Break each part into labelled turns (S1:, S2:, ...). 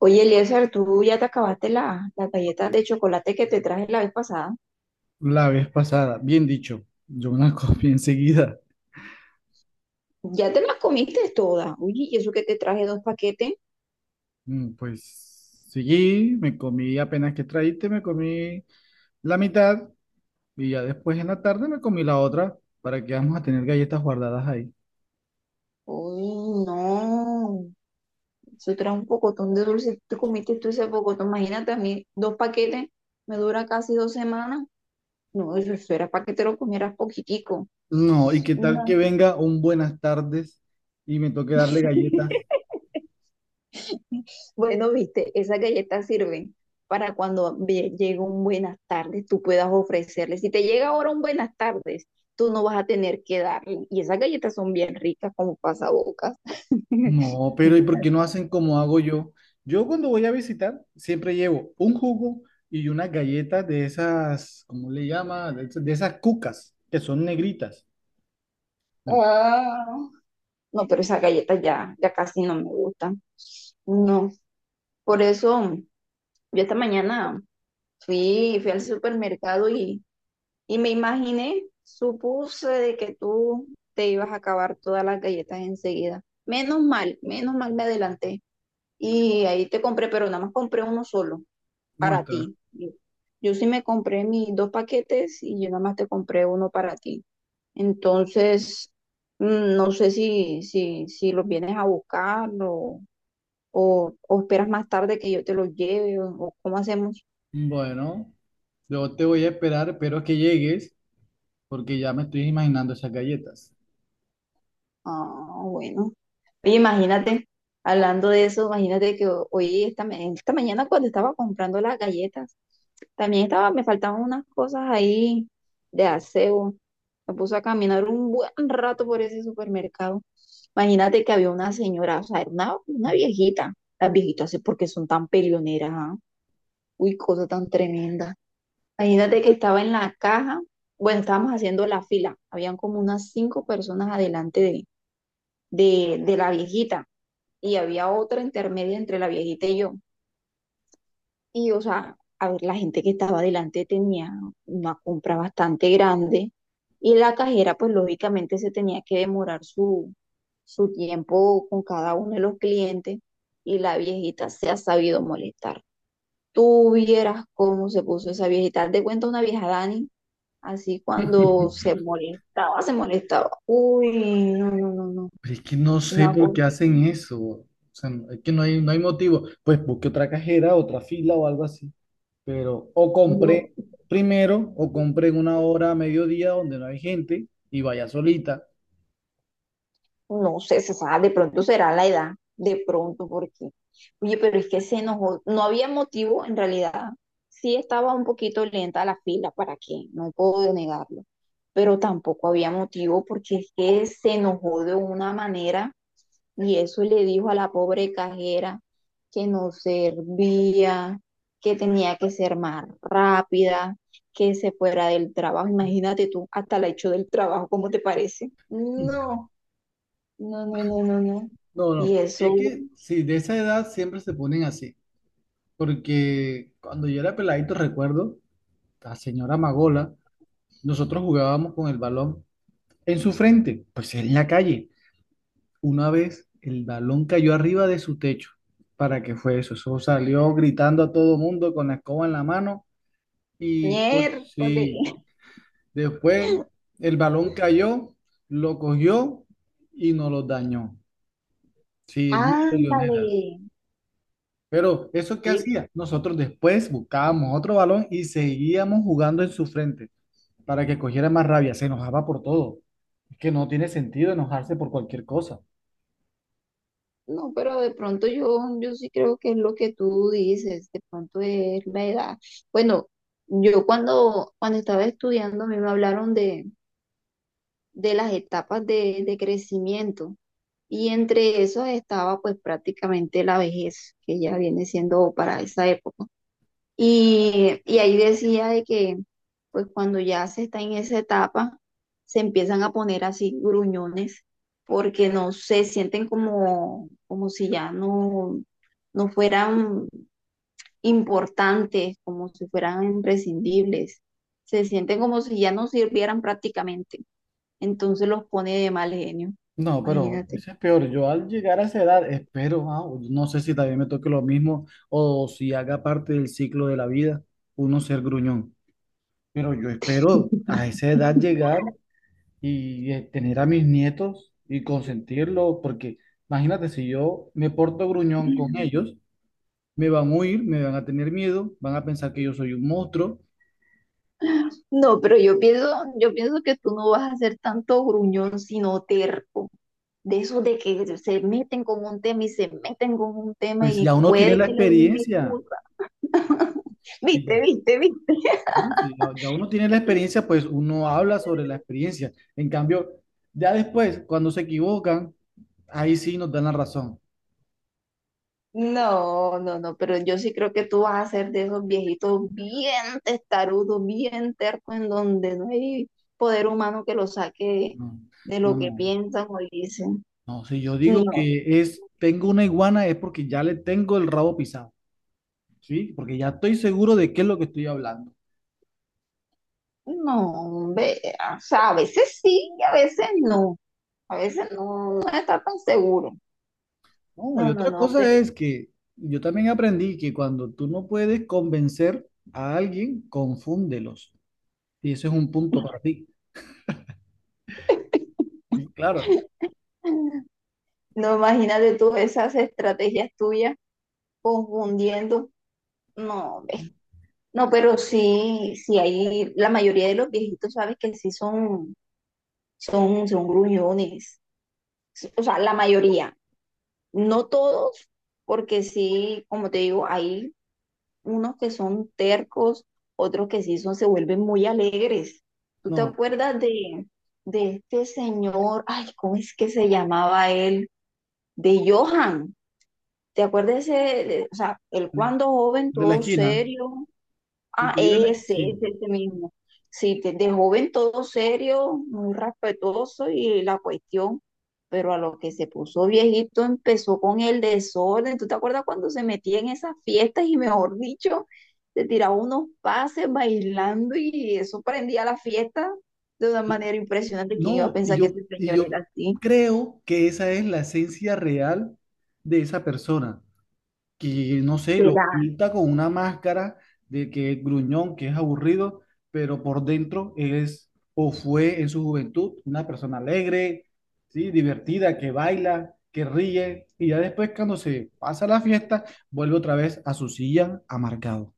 S1: Oye, Eliezer, tú ya te acabaste las galletas de chocolate que te traje la vez pasada.
S2: La vez pasada, bien dicho, yo me la comí enseguida.
S1: Ya te las comiste todas. Uy, ¿y eso que te traje dos paquetes?
S2: Pues seguí, me comí apenas que traíste, me comí la mitad y ya después en la tarde me comí la otra. ¿Para que vamos a tener galletas guardadas ahí?
S1: Uy, no. Eso trae un pocotón de dulce. Tú comiste tú ese pocotón. Imagínate a mí, dos paquetes me dura casi dos semanas. No, eso era para que te lo comieras poquitico.
S2: No, y qué tal que
S1: No,
S2: venga un buenas tardes y me toque darle galletas.
S1: bueno, viste, esas galletas sirven para cuando llegue un buenas tardes, tú puedas ofrecerle. Si te llega ahora un buenas tardes, tú no vas a tener que darle. Y esas galletas son bien ricas como pasabocas.
S2: No, pero ¿y por
S1: Buenas-
S2: qué no hacen como hago yo? Yo cuando voy a visitar siempre llevo un jugo y una galleta de esas, ¿cómo le llama? De esas cucas que son negritas.
S1: Ah. No, pero esas galletas ya, ya casi no me gustan. No, por eso yo esta mañana fui al supermercado. Y me imaginé, supuse de que tú te ibas a acabar todas las galletas enseguida. Menos mal me adelanté. Y ahí te compré, pero nada más compré uno solo para
S2: Muestra.
S1: ti. Y yo sí me compré mis dos paquetes y yo nada más te compré uno para ti. Entonces, no sé si los vienes a buscar o esperas más tarde que yo te los lleve o cómo hacemos.
S2: Bueno, yo te voy a esperar, espero que llegues, porque ya me estoy imaginando esas galletas.
S1: Ah, bueno. Oye, imagínate, hablando de eso, imagínate que hoy, esta mañana cuando estaba comprando las galletas, también estaba, me faltaban unas cosas ahí de aseo. Me puse a caminar un buen rato por ese supermercado. Imagínate que había una señora, o sea, era una viejita. Las viejitas, sí, porque son tan peleoneras? ¿Ah? Uy, cosa tan tremenda. Imagínate que estaba en la caja, bueno, estábamos haciendo la fila, habían como unas cinco personas adelante de la viejita y había otra intermedia entre la viejita y yo. Y, o sea, a ver, la gente que estaba adelante tenía una compra bastante grande y la cajera, pues lógicamente se tenía que demorar su, su tiempo con cada uno de los clientes y la viejita se ha sabido molestar. Tú vieras cómo se puso esa viejita. Haz de cuenta una vieja Dani, así cuando se
S2: Pero
S1: molestaba, se molestaba. Uy, no, no, no, no.
S2: es que no sé
S1: Una
S2: por
S1: cosa,
S2: qué hacen eso. O sea, no- es que no hay motivo. Pues busque otra cajera, otra fila o algo así. Pero, o compré
S1: no.
S2: primero, o compré en una hora a mediodía donde no hay gente y vaya solita.
S1: No sé, se sabe, de pronto será la edad, de pronto, porque, oye, pero es que se enojó, no había motivo, en realidad, sí estaba un poquito lenta la fila, ¿para qué? No puedo negarlo, pero tampoco había motivo porque es que se enojó de una manera y eso le dijo a la pobre cajera que no servía, que tenía que ser más rápida, que se fuera del trabajo, imagínate tú, hasta la hecho del trabajo, ¿cómo te parece?
S2: Mm.
S1: No. No, no, no, no, no.
S2: No,
S1: Y
S2: no.
S1: eso,
S2: Es que sí, de esa edad siempre se ponen así. Porque cuando yo era peladito, recuerdo, la señora Magola. Nosotros jugábamos con el balón en su frente, pues en la calle. Una vez el balón cayó arriba de su techo. ¿Para qué fue eso? Eso salió gritando a todo mundo con la escoba en la mano y co- sí,
S1: miércoles.
S2: después el balón cayó, lo cogió y nos lo dañó. Sí, muy peleonera.
S1: Ándale.
S2: Pero ¿eso qué
S1: Sí,
S2: hacía? Nosotros después buscábamos otro balón y seguíamos jugando en su frente, para que cogiera más rabia. Se enojaba por todo. Es que no tiene sentido enojarse por cualquier cosa.
S1: no, pero de pronto yo, yo sí creo que es lo que tú dices, de pronto es la edad. Bueno, yo cuando, cuando estaba estudiando, a mí me hablaron de las etapas de crecimiento y entre esas estaba pues prácticamente la vejez, que ya viene siendo para esa época. Y ahí decía de que, pues cuando ya se está en esa etapa, se empiezan a poner así gruñones, porque no se sienten como, como si ya no, no fueran importantes, como si fueran imprescindibles. Se sienten como si ya no sirvieran prácticamente. Entonces los pone de mal genio.
S2: No, pero
S1: Imagínate.
S2: eso es peor. Yo al llegar a esa edad, espero, no sé si también me toque lo mismo o si haga parte del ciclo de la vida, uno ser gruñón. Pero yo espero a esa edad llegar y tener a mis nietos y consentirlos, porque imagínate, si yo me porto gruñón con ellos, me van a huir, me van a tener miedo, van a pensar que yo soy un monstruo,
S1: No, pero yo pienso que tú no vas a ser tanto gruñón, sino terco. De esos de que se meten con un tema y se meten con un tema
S2: pues
S1: y
S2: ya uno tiene
S1: puede
S2: la
S1: que le den
S2: experiencia.
S1: excusa.
S2: Sí,
S1: Viste,
S2: ya,
S1: viste, viste.
S2: ¿no? Si no- ya uno tiene la experiencia, pues uno habla sobre la experiencia. En cambio, ya después, cuando se equivocan, ahí sí nos dan la razón.
S1: No, no, no, pero yo sí creo que tú vas a ser de esos viejitos bien testarudos, bien tercos, en donde no hay poder humano que lo saque
S2: No,
S1: de
S2: no,
S1: lo que
S2: no.
S1: piensan o dicen.
S2: No, si yo digo
S1: No,
S2: que es, tengo una iguana es porque ya le tengo el rabo pisado, ¿sí? Porque ya estoy seguro de qué es lo que estoy hablando.
S1: no, ve, o sea, a veces sí y a veces no. A veces no, no está tan seguro.
S2: No, y
S1: No, no,
S2: otra
S1: no, pero
S2: cosa es que yo también aprendí que cuando tú no puedes convencer a alguien, confúndelos. Y ese es un punto para ti. Sí, claro.
S1: no, imagínate tú esas estrategias tuyas confundiendo. No, hombre. No, pero sí, sí hay, la mayoría de los viejitos, sabes que sí son, son gruñones. Sí, o sea, la mayoría. No todos, porque sí, como te digo, hay unos que son tercos, otros que sí son, se vuelven muy alegres. ¿Tú te
S2: No,
S1: acuerdas de este señor? Ay, ¿cómo es que se llamaba él? De Johan. ¿Te acuerdas ese, o sea, el cuando joven
S2: de la
S1: todo
S2: esquina.
S1: serio?
S2: El
S1: Ah,
S2: que vive la- sí.
S1: ese mismo. Sí, de joven todo serio, muy respetuoso y la cuestión, pero a lo que se puso viejito empezó con el desorden. ¿Tú te acuerdas cuando se metía en esas fiestas y mejor dicho, se tiraba unos pases bailando y eso prendía la fiesta de una manera impresionante? ¿Quién iba a
S2: No, y
S1: pensar que
S2: yo,
S1: ese
S2: y
S1: señor
S2: yo
S1: era así?
S2: creo que esa es la esencia real de esa persona, que no sé, lo
S1: ¿Será?
S2: pinta con una máscara de que es gruñón, que es aburrido, pero por dentro es o fue en su juventud una persona alegre, ¿sí? Divertida, que baila, que ríe, y ya después cuando se pasa la fiesta, vuelve otra vez a su silla amargado.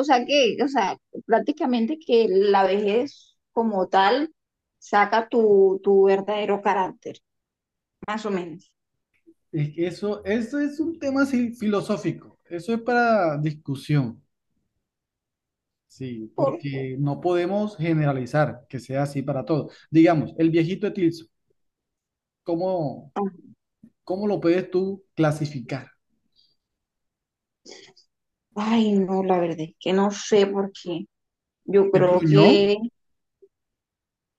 S1: O sea que, o sea, prácticamente que la vejez como tal saca tu verdadero carácter, más o menos.
S2: Es que eso es un tema así filosófico, eso es para discusión. Sí,
S1: Por-
S2: porque no podemos generalizar que sea así para todos. Digamos, el viejito de Tilso, ¿cómo, cómo lo puedes tú clasificar?
S1: Ay, no, la verdad es que no sé por qué. Yo
S2: ¿Es
S1: creo
S2: gruñón?
S1: que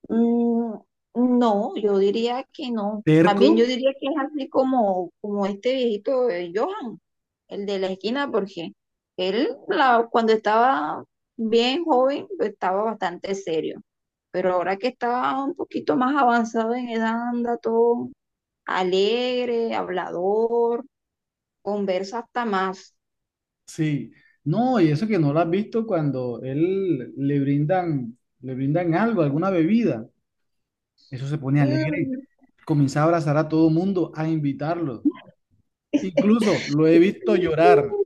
S1: mm, no, yo diría que no. Más bien yo
S2: ¿Terco?
S1: diría que es así como, como este viejito de Johan, el de la esquina, porque él cuando estaba bien joven pues, estaba bastante serio, pero ahora que estaba un poquito más avanzado en edad anda todo alegre, hablador, conversa hasta más.
S2: Sí. No, y eso que no lo has visto cuando él le brindan algo, alguna bebida. Eso se pone alegre. Comienza a abrazar a todo mundo, a invitarlo. Incluso lo he visto llorar.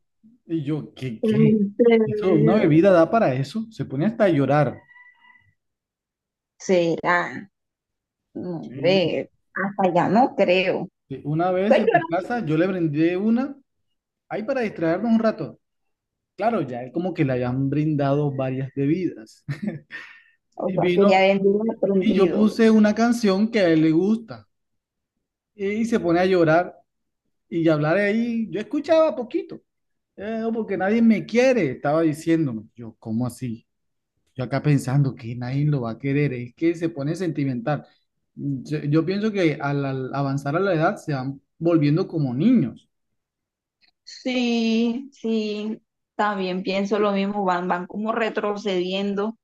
S2: Y yo, ¿qué,
S1: Mm,
S2: qué?
S1: ¿en
S2: Eso, una
S1: serio?
S2: bebida da para eso. Se pone hasta a llorar.
S1: ¿Será? No,
S2: Sí.
S1: ve, hasta ya no creo.
S2: Sí, una vez en
S1: Señora.
S2: mi casa yo le brindé una, ahí para distraernos un rato. Claro, ya es como que le hayan brindado varias bebidas.
S1: O
S2: Y
S1: sea, que ya
S2: vino,
S1: vendría
S2: y yo
S1: aprendido.
S2: puse una canción que a él le gusta. Y se pone a llorar y a hablar ahí. Yo escuchaba poquito, no, porque nadie me quiere", estaba diciéndome. Yo, ¿cómo así? Yo acá pensando que nadie lo va a querer, es que se pone sentimental. Yo pienso que al avanzar a la edad se van volviendo como niños.
S1: Sí, sí, también pienso lo mismo, van, van como retrocediendo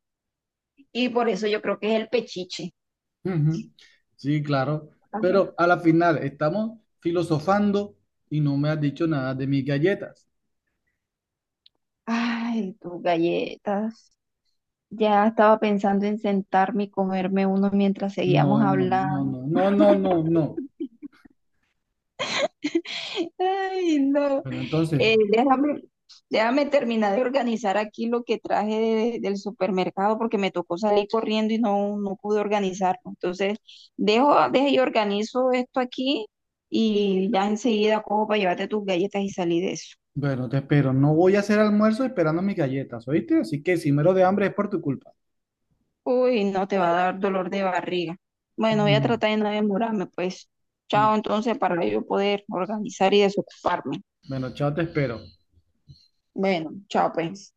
S1: y por eso yo creo que es el pechiche.
S2: Ujú. Sí, claro. Pero a la final estamos filosofando y no me has dicho nada de mis galletas.
S1: Ay, tus galletas. Ya estaba pensando en sentarme y comerme uno mientras seguíamos
S2: No, no, no,
S1: hablando.
S2: no, no, no, no, no.
S1: Ay, no.
S2: Pero entonces,
S1: Déjame, déjame terminar de organizar aquí lo que traje del supermercado porque me tocó salir corriendo y no, no pude organizarlo. Entonces, dejo y organizo esto aquí y ya enseguida cojo para llevarte tus galletas y salir de eso.
S2: bueno, te espero. No voy a hacer almuerzo esperando mis galletas, ¿oíste? Así que si muero de hambre es por tu culpa.
S1: Uy, no te va a dar dolor de barriga. Bueno, voy a tratar de no demorarme, pues.
S2: Ujú.
S1: Chao, entonces, para yo poder organizar y desocuparme.
S2: Bueno, chao, te espero.
S1: Bueno, chao, pues.